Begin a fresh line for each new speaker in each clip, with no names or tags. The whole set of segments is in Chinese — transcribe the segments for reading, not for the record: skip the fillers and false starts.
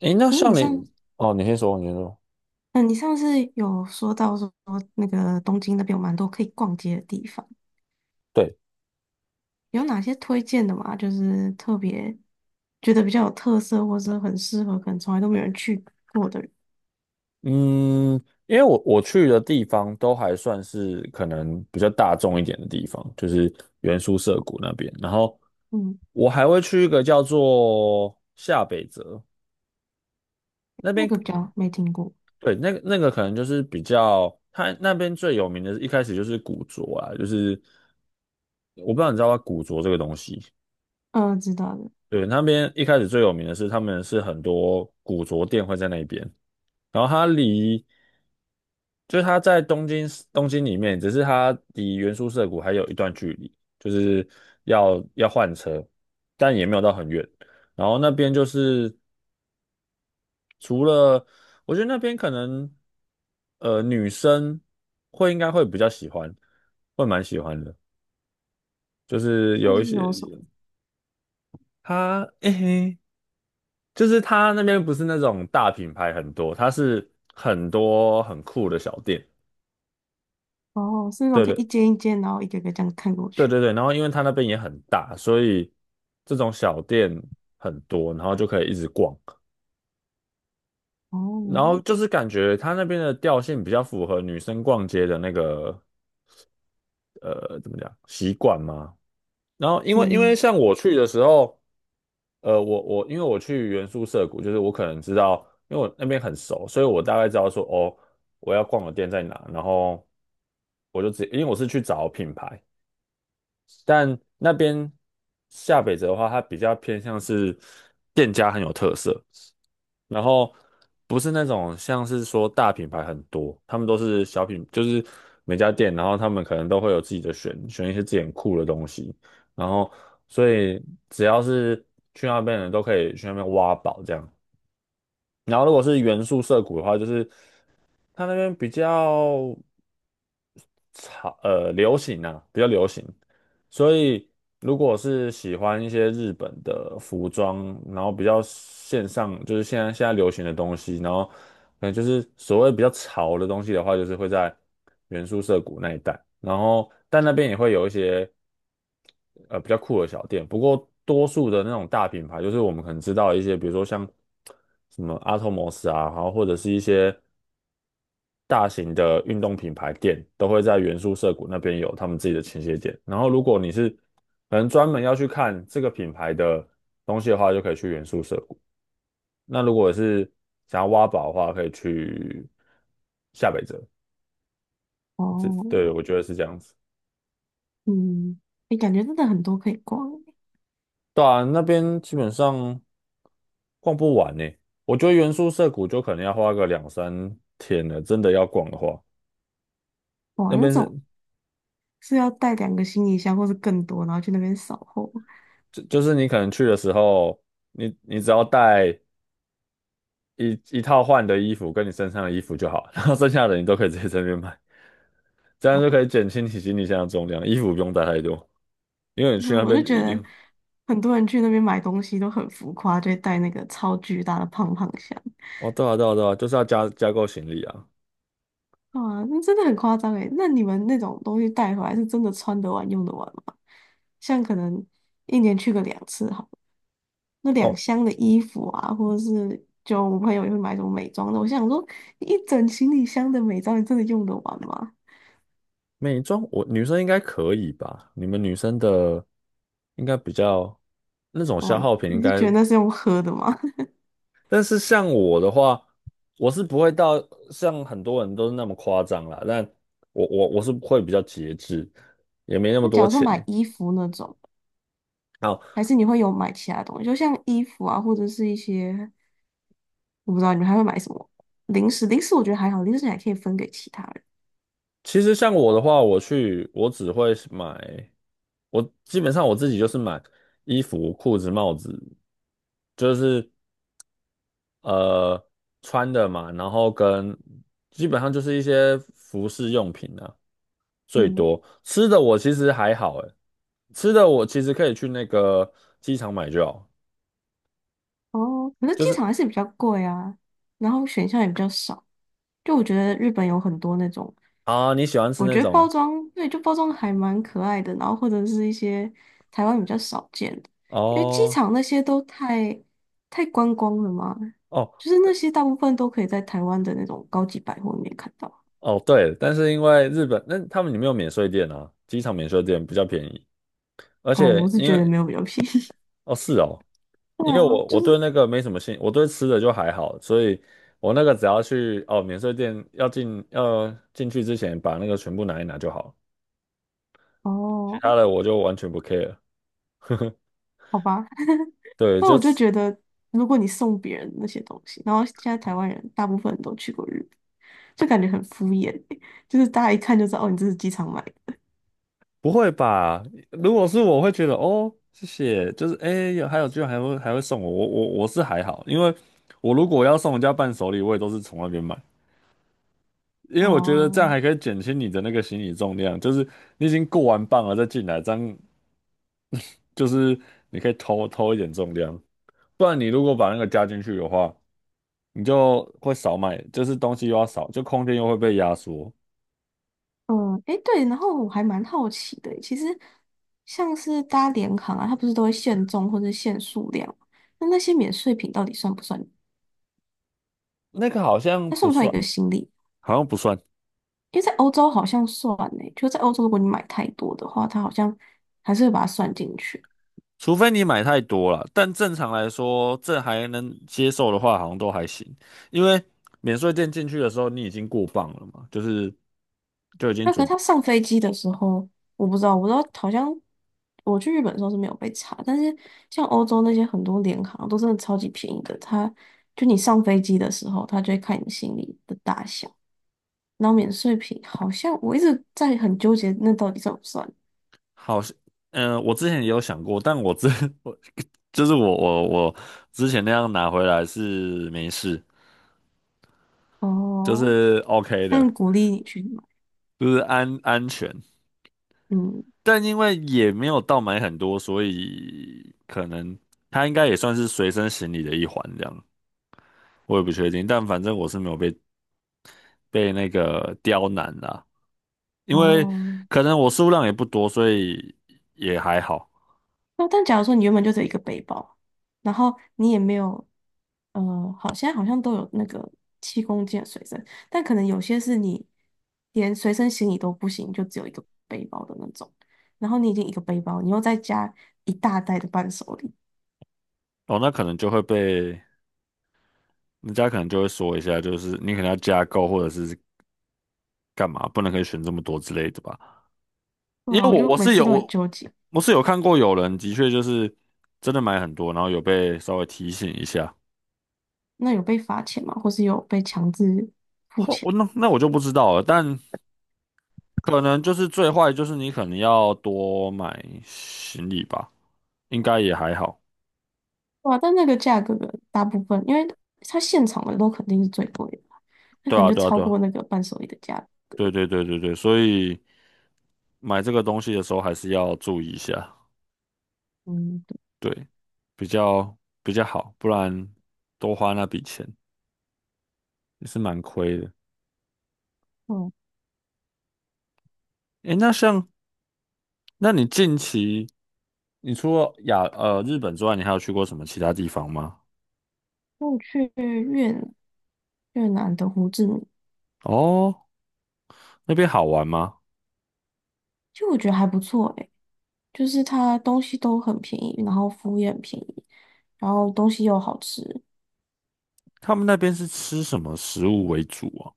诶，那
诶，
像你，哦，你先说，你先说。
你上次有说到说那个东京那边有蛮多可以逛街的地方，
对，
有哪些推荐的嘛？就是特别觉得比较有特色，或者很适合，可能从来都没有人去过的。
嗯，因为我去的地方都还算是可能比较大众一点的地方，就是原宿涩谷那边。然后
嗯。
我还会去一个叫做下北泽那
那
边，
个比较没听过。
对，那个可能就是比较，它那边最有名的，一开始就是古着啊，就是我不知道你知道吧，古着这个东西，
嗯、知道的。
对，那边一开始最有名的是他们是很多古着店会在那边。然后它离就是它在东京里面，只是它离原宿涩谷还有一段距离，就是要换车，但也没有到很远。然后那边就是除了，我觉得那边可能女生会应该会比较喜欢，会蛮喜欢的，就是
那
有一
是
些
有什么？
它诶、嘿就是它那边不是那种大品牌很多，它是很多很酷的小店。
哦，是那种
对
可以一
对
间一间，然后一个个这样看过
对
去。
对对，然后因为它那边也很大，所以这种小店很多，然后就可以一直逛。然
哦。
后就是感觉它那边的调性比较符合女生逛街的那个怎么讲习惯嘛。然后因为
嗯。
像我去的时候，我因为我去原宿涩谷，就是我可能知道，因为我那边很熟，所以我大概知道说哦，我要逛的店在哪，然后我就直接因为我是去找品牌。但那边下北泽的话，它比较偏向是店家很有特色，然后不是那种像是说大品牌很多，他们都是小品，就是每家店，然后他们可能都会有自己的选，选一些自己很酷的东西，然后所以只要是去那边的人都可以去那边挖宝这样。然后如果是元素涩谷的话，就是它那边比较。潮流行啊，比较流行。所以如果是喜欢一些日本的服装，然后比较线上，就是现在流行的东西，然后可能就是所谓比较潮的东西的话，就是会在原宿涩谷那一带。然后但那边也会有一些比较酷的小店，不过多数的那种大品牌，就是我们可能知道一些，比如说像什么阿托摩斯啊，然后或者是一些。大型的运动品牌店都会在原宿涩谷那边有他们自己的倾斜点。然后，如果你是可能专门要去看这个品牌的东西的话，就可以去原宿涩谷。那如果是想要挖宝的话，可以去下北泽。这对
哦。
我觉得是这样子。
嗯，你感觉真的很多可以逛。
对啊，那边基本上逛不完呢。我觉得原宿涩谷就可能要花个两三天了，真的要逛的话，那
哇，那
边
种
是
是要带两个行李箱或是更多，然后去那边扫货。
就就是你可能去的时候，你只要带一套换的衣服跟你身上的衣服就好，然后剩下的你都可以直接在那边买，这样
哦。
就可以减轻你行李箱的重量，衣服不用带太多，因为你去
那
那
我
边
就觉
一
得
定
很多人去那边买东西都很浮夸，就会带那个超巨大的胖胖箱。
哦，对啊对啊对啊，就是要加购行李啊。
啊，那真的很夸张诶。那你们那种东西带回来是真的穿得完、用得完吗？像可能一年去个两次好了，那两
哦，
箱的衣服啊，或者是就我朋友也会买什么美妆的，我想说一整行李箱的美妆，你真的用得完吗？
美妆我女生应该可以吧？你们女生的应该比较那种消
哇，
耗品应
你是觉
该，
得那是用喝的吗？
但是像我的话，我是不会到像很多人都是那么夸张啦，但我是会比较节制，也没那 么
那假
多
如说
钱。
买衣服那种，
好，
还是你会有买其他东西，就像衣服啊，或者是一些。我不知道你们还会买什么，零食？零食我觉得还好，零食你还可以分给其他人。
其实像我的话，我去我只会是买，我基本上我自己就是买衣服、裤子、帽子，就是呃穿的嘛，然后跟基本上就是一些服饰用品啊，最
嗯。
多吃的我其实还好，诶，吃的我其实可以去那个机场买就好，
哦，可是
就
机
是
场还是比较贵啊，然后选项也比较少。就我觉得日本有很多那种，
啊你喜欢吃
我
那
觉得包
种
装，对，就包装还蛮可爱的，然后或者是一些台湾比较少见的，因为机
哦
场那些都太观光了嘛，
哦
就是那些大部分都可以在台湾的那种高级百货里面看到。
哦对，但是因为日本那他们里面有免税店啊，机场免税店比较便宜。而
哦，
且
我是
因
觉得
为
没有比较便宜。
哦，是哦，
对
因为
啊，
我
就
我对
是
那个没什么兴，我对吃的就还好，所以我那个只要去哦免税店要进去之前把那个全部拿一拿就好，其
哦，
他的我就完全不 care。
好吧。
对，
那
就
我就
是
觉得，如果你送别人那些东西，然后现在台湾人大部分人都去过日本，就感觉很敷衍欸，就是大家一看就知道，哦，你这是机场买的。
不会吧？如果是我会觉得哦，谢谢，就是哎，诶有还有居然还会还会送我，我是还好，因为我如果要送人家伴手礼，我也都是从那边买，因为我觉得这样
哦。
还可以减轻你的那个行李重量，就是你已经过完磅了再进来，这样就是你可以偷偷一点重量，不然你如果把那个加进去的话，你就会少买，就是东西又要少，就空间又会被压缩。
嗯。诶，对，然后我还蛮好奇的欸，其实像是搭联航啊，它不是都会限重或者限数量吗？那那些免税品到底算不算？
那个好像
它算
不
不算一
算，
个行李？
好像不算，
因为在欧洲好像算呢，就在欧洲，如果你买太多的话，它好像还是会把它算进去。
除非你买太多了。但正常来说，这还能接受的话，好像都还行，因为免税店进去的时候，你已经过磅了嘛，就是就已经
那可
准
是
备
他上飞机的时候，我不知道好像，我去日本的时候是没有被查，但是像欧洲那些很多联航都真的超级便宜的，他就你上飞机的时候，他就会看你行李的大小，然后免税品好像我一直在很纠结，那到底算不算？
好像。嗯、我之前也有想过，但我之 我就是我之前那样拿回来是没事，就
哦，
是 OK 的，
但鼓励你去买。
就是安全。
嗯。
但因为也没有到买很多，所以可能它应该也算是随身行李的一环这样，我也不确定。但反正我是没有被那个刁难啦，因为
哦。
可能我数量也不多，所以也还好。
那但假如说你原本就只有一个背包，然后你也没有，好，现在好像都有那个7公斤的随身，但可能有些是你连随身行李都不行，就只有一个背包的那种。然后你已经一个背包，你又再加一大袋的伴手礼。
哦，那可能就会被人家可能就会说一下，就是你可能要加购或者是干嘛，不能可以选这么多之类的吧。
对
因
啊，
为
我
我
就
我
每
是
次
有
都很
我
纠结。
我是有看过有人的确就是真的买很多，然后有被稍微提醒一下。
那有被罚钱吗？或是有被强制付
后
钱？
我那我就不知道了，但可能就是最坏就是你可能要多买行李吧，应该也还好。
对啊，但那个价格的大部分，因为它现场的都肯定是最贵的，那可
对
能
啊，
就
对啊，
超
对啊，
过那个伴手礼的价格。
对对对对对，所以买这个东西的时候还是要注意一下，
嗯。对，
对，比较比较好，不然多花那笔钱也是蛮亏的。诶，那像那你近期，你除了日本之外，你还有去过什么其他地方吗？
我去越南，越南的胡志明。
哦，那边好玩吗？
就我觉得还不错诶，就是它东西都很便宜，然后服务也很便宜，然后东西又好吃。
他们那边是吃什么食物为主啊？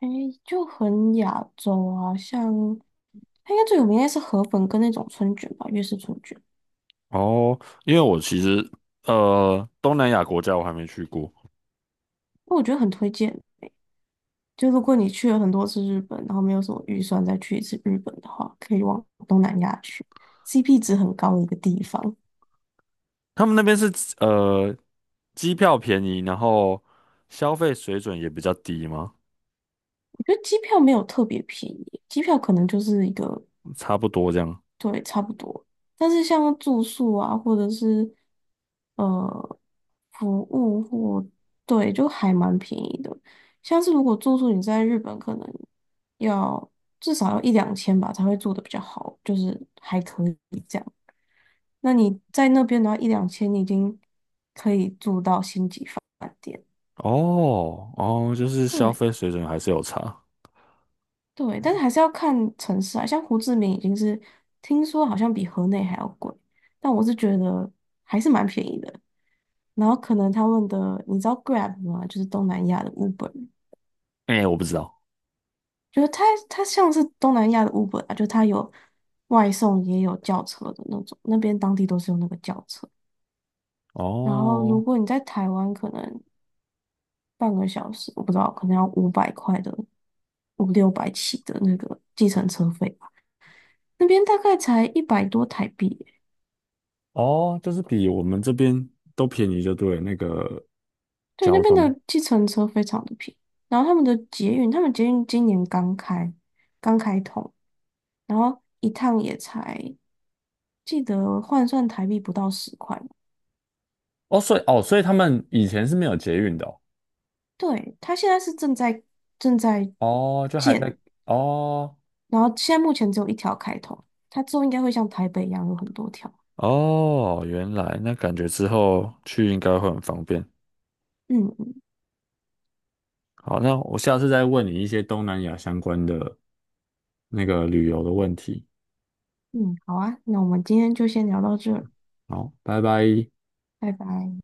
诶，就很亚洲啊，像它应该最有名应该是河粉跟那种春卷吧，粤式春卷。
哦，因为我其实东南亚国家我还没去过，
我觉得很推荐。就如果你去了很多次日本，然后没有什么预算再去一次日本的话，可以往东南亚去，CP 值很高的一个地方。
他们那边是呃机票便宜，然后消费水准也比较低吗？
我觉得机票没有特别便宜，机票可能就是一个，
差不多这样。
对，差不多。但是像住宿啊，或者是呃服务或，对，就还蛮便宜的。像是如果住宿你在日本，可能要至少要一两千吧，才会住的比较好，就是还可以这样。那你在那边的话，一两千你已经可以住到星级房。
哦哦，就是消
对。
费水准还是有差。
对，但是还是要看城市啊，像胡志明已经是听说好像比河内还要贵，但我是觉得还是蛮便宜的。然后可能他们的，你知道 Grab 吗？就是东南亚的 Uber，
哎、我不知道。
就是它像是东南亚的 Uber 啊，就它有外送也有轿车的那种，那边当地都是用那个轿车。然后如
哦。
果你在台湾，可能半个小时，我不知道，可能要500块的，五六百起的那个计程车费吧，那边大概才100多台币。
哦，就是比我们这边都便宜，就对了那个
对，那
交
边
通。
的计程车非常的便宜，然后他们的捷运，他们捷运今年刚开，刚开通，然后一趟也才记得换算台币不到10块吧。
哦，所以哦，所以他们以前是没有捷运的哦，
对，它现在是正在
哦，就还在
建，
哦
然后现在目前只有一条开通，它之后应该会像台北一样有很多条。
哦，原来那感觉之后去应该会很方便。
嗯嗯
好，那我下次再问你一些东南亚相关的那个旅游的问题。
嗯，好啊，那我们今天就先聊到这儿。
好，拜拜。
拜拜。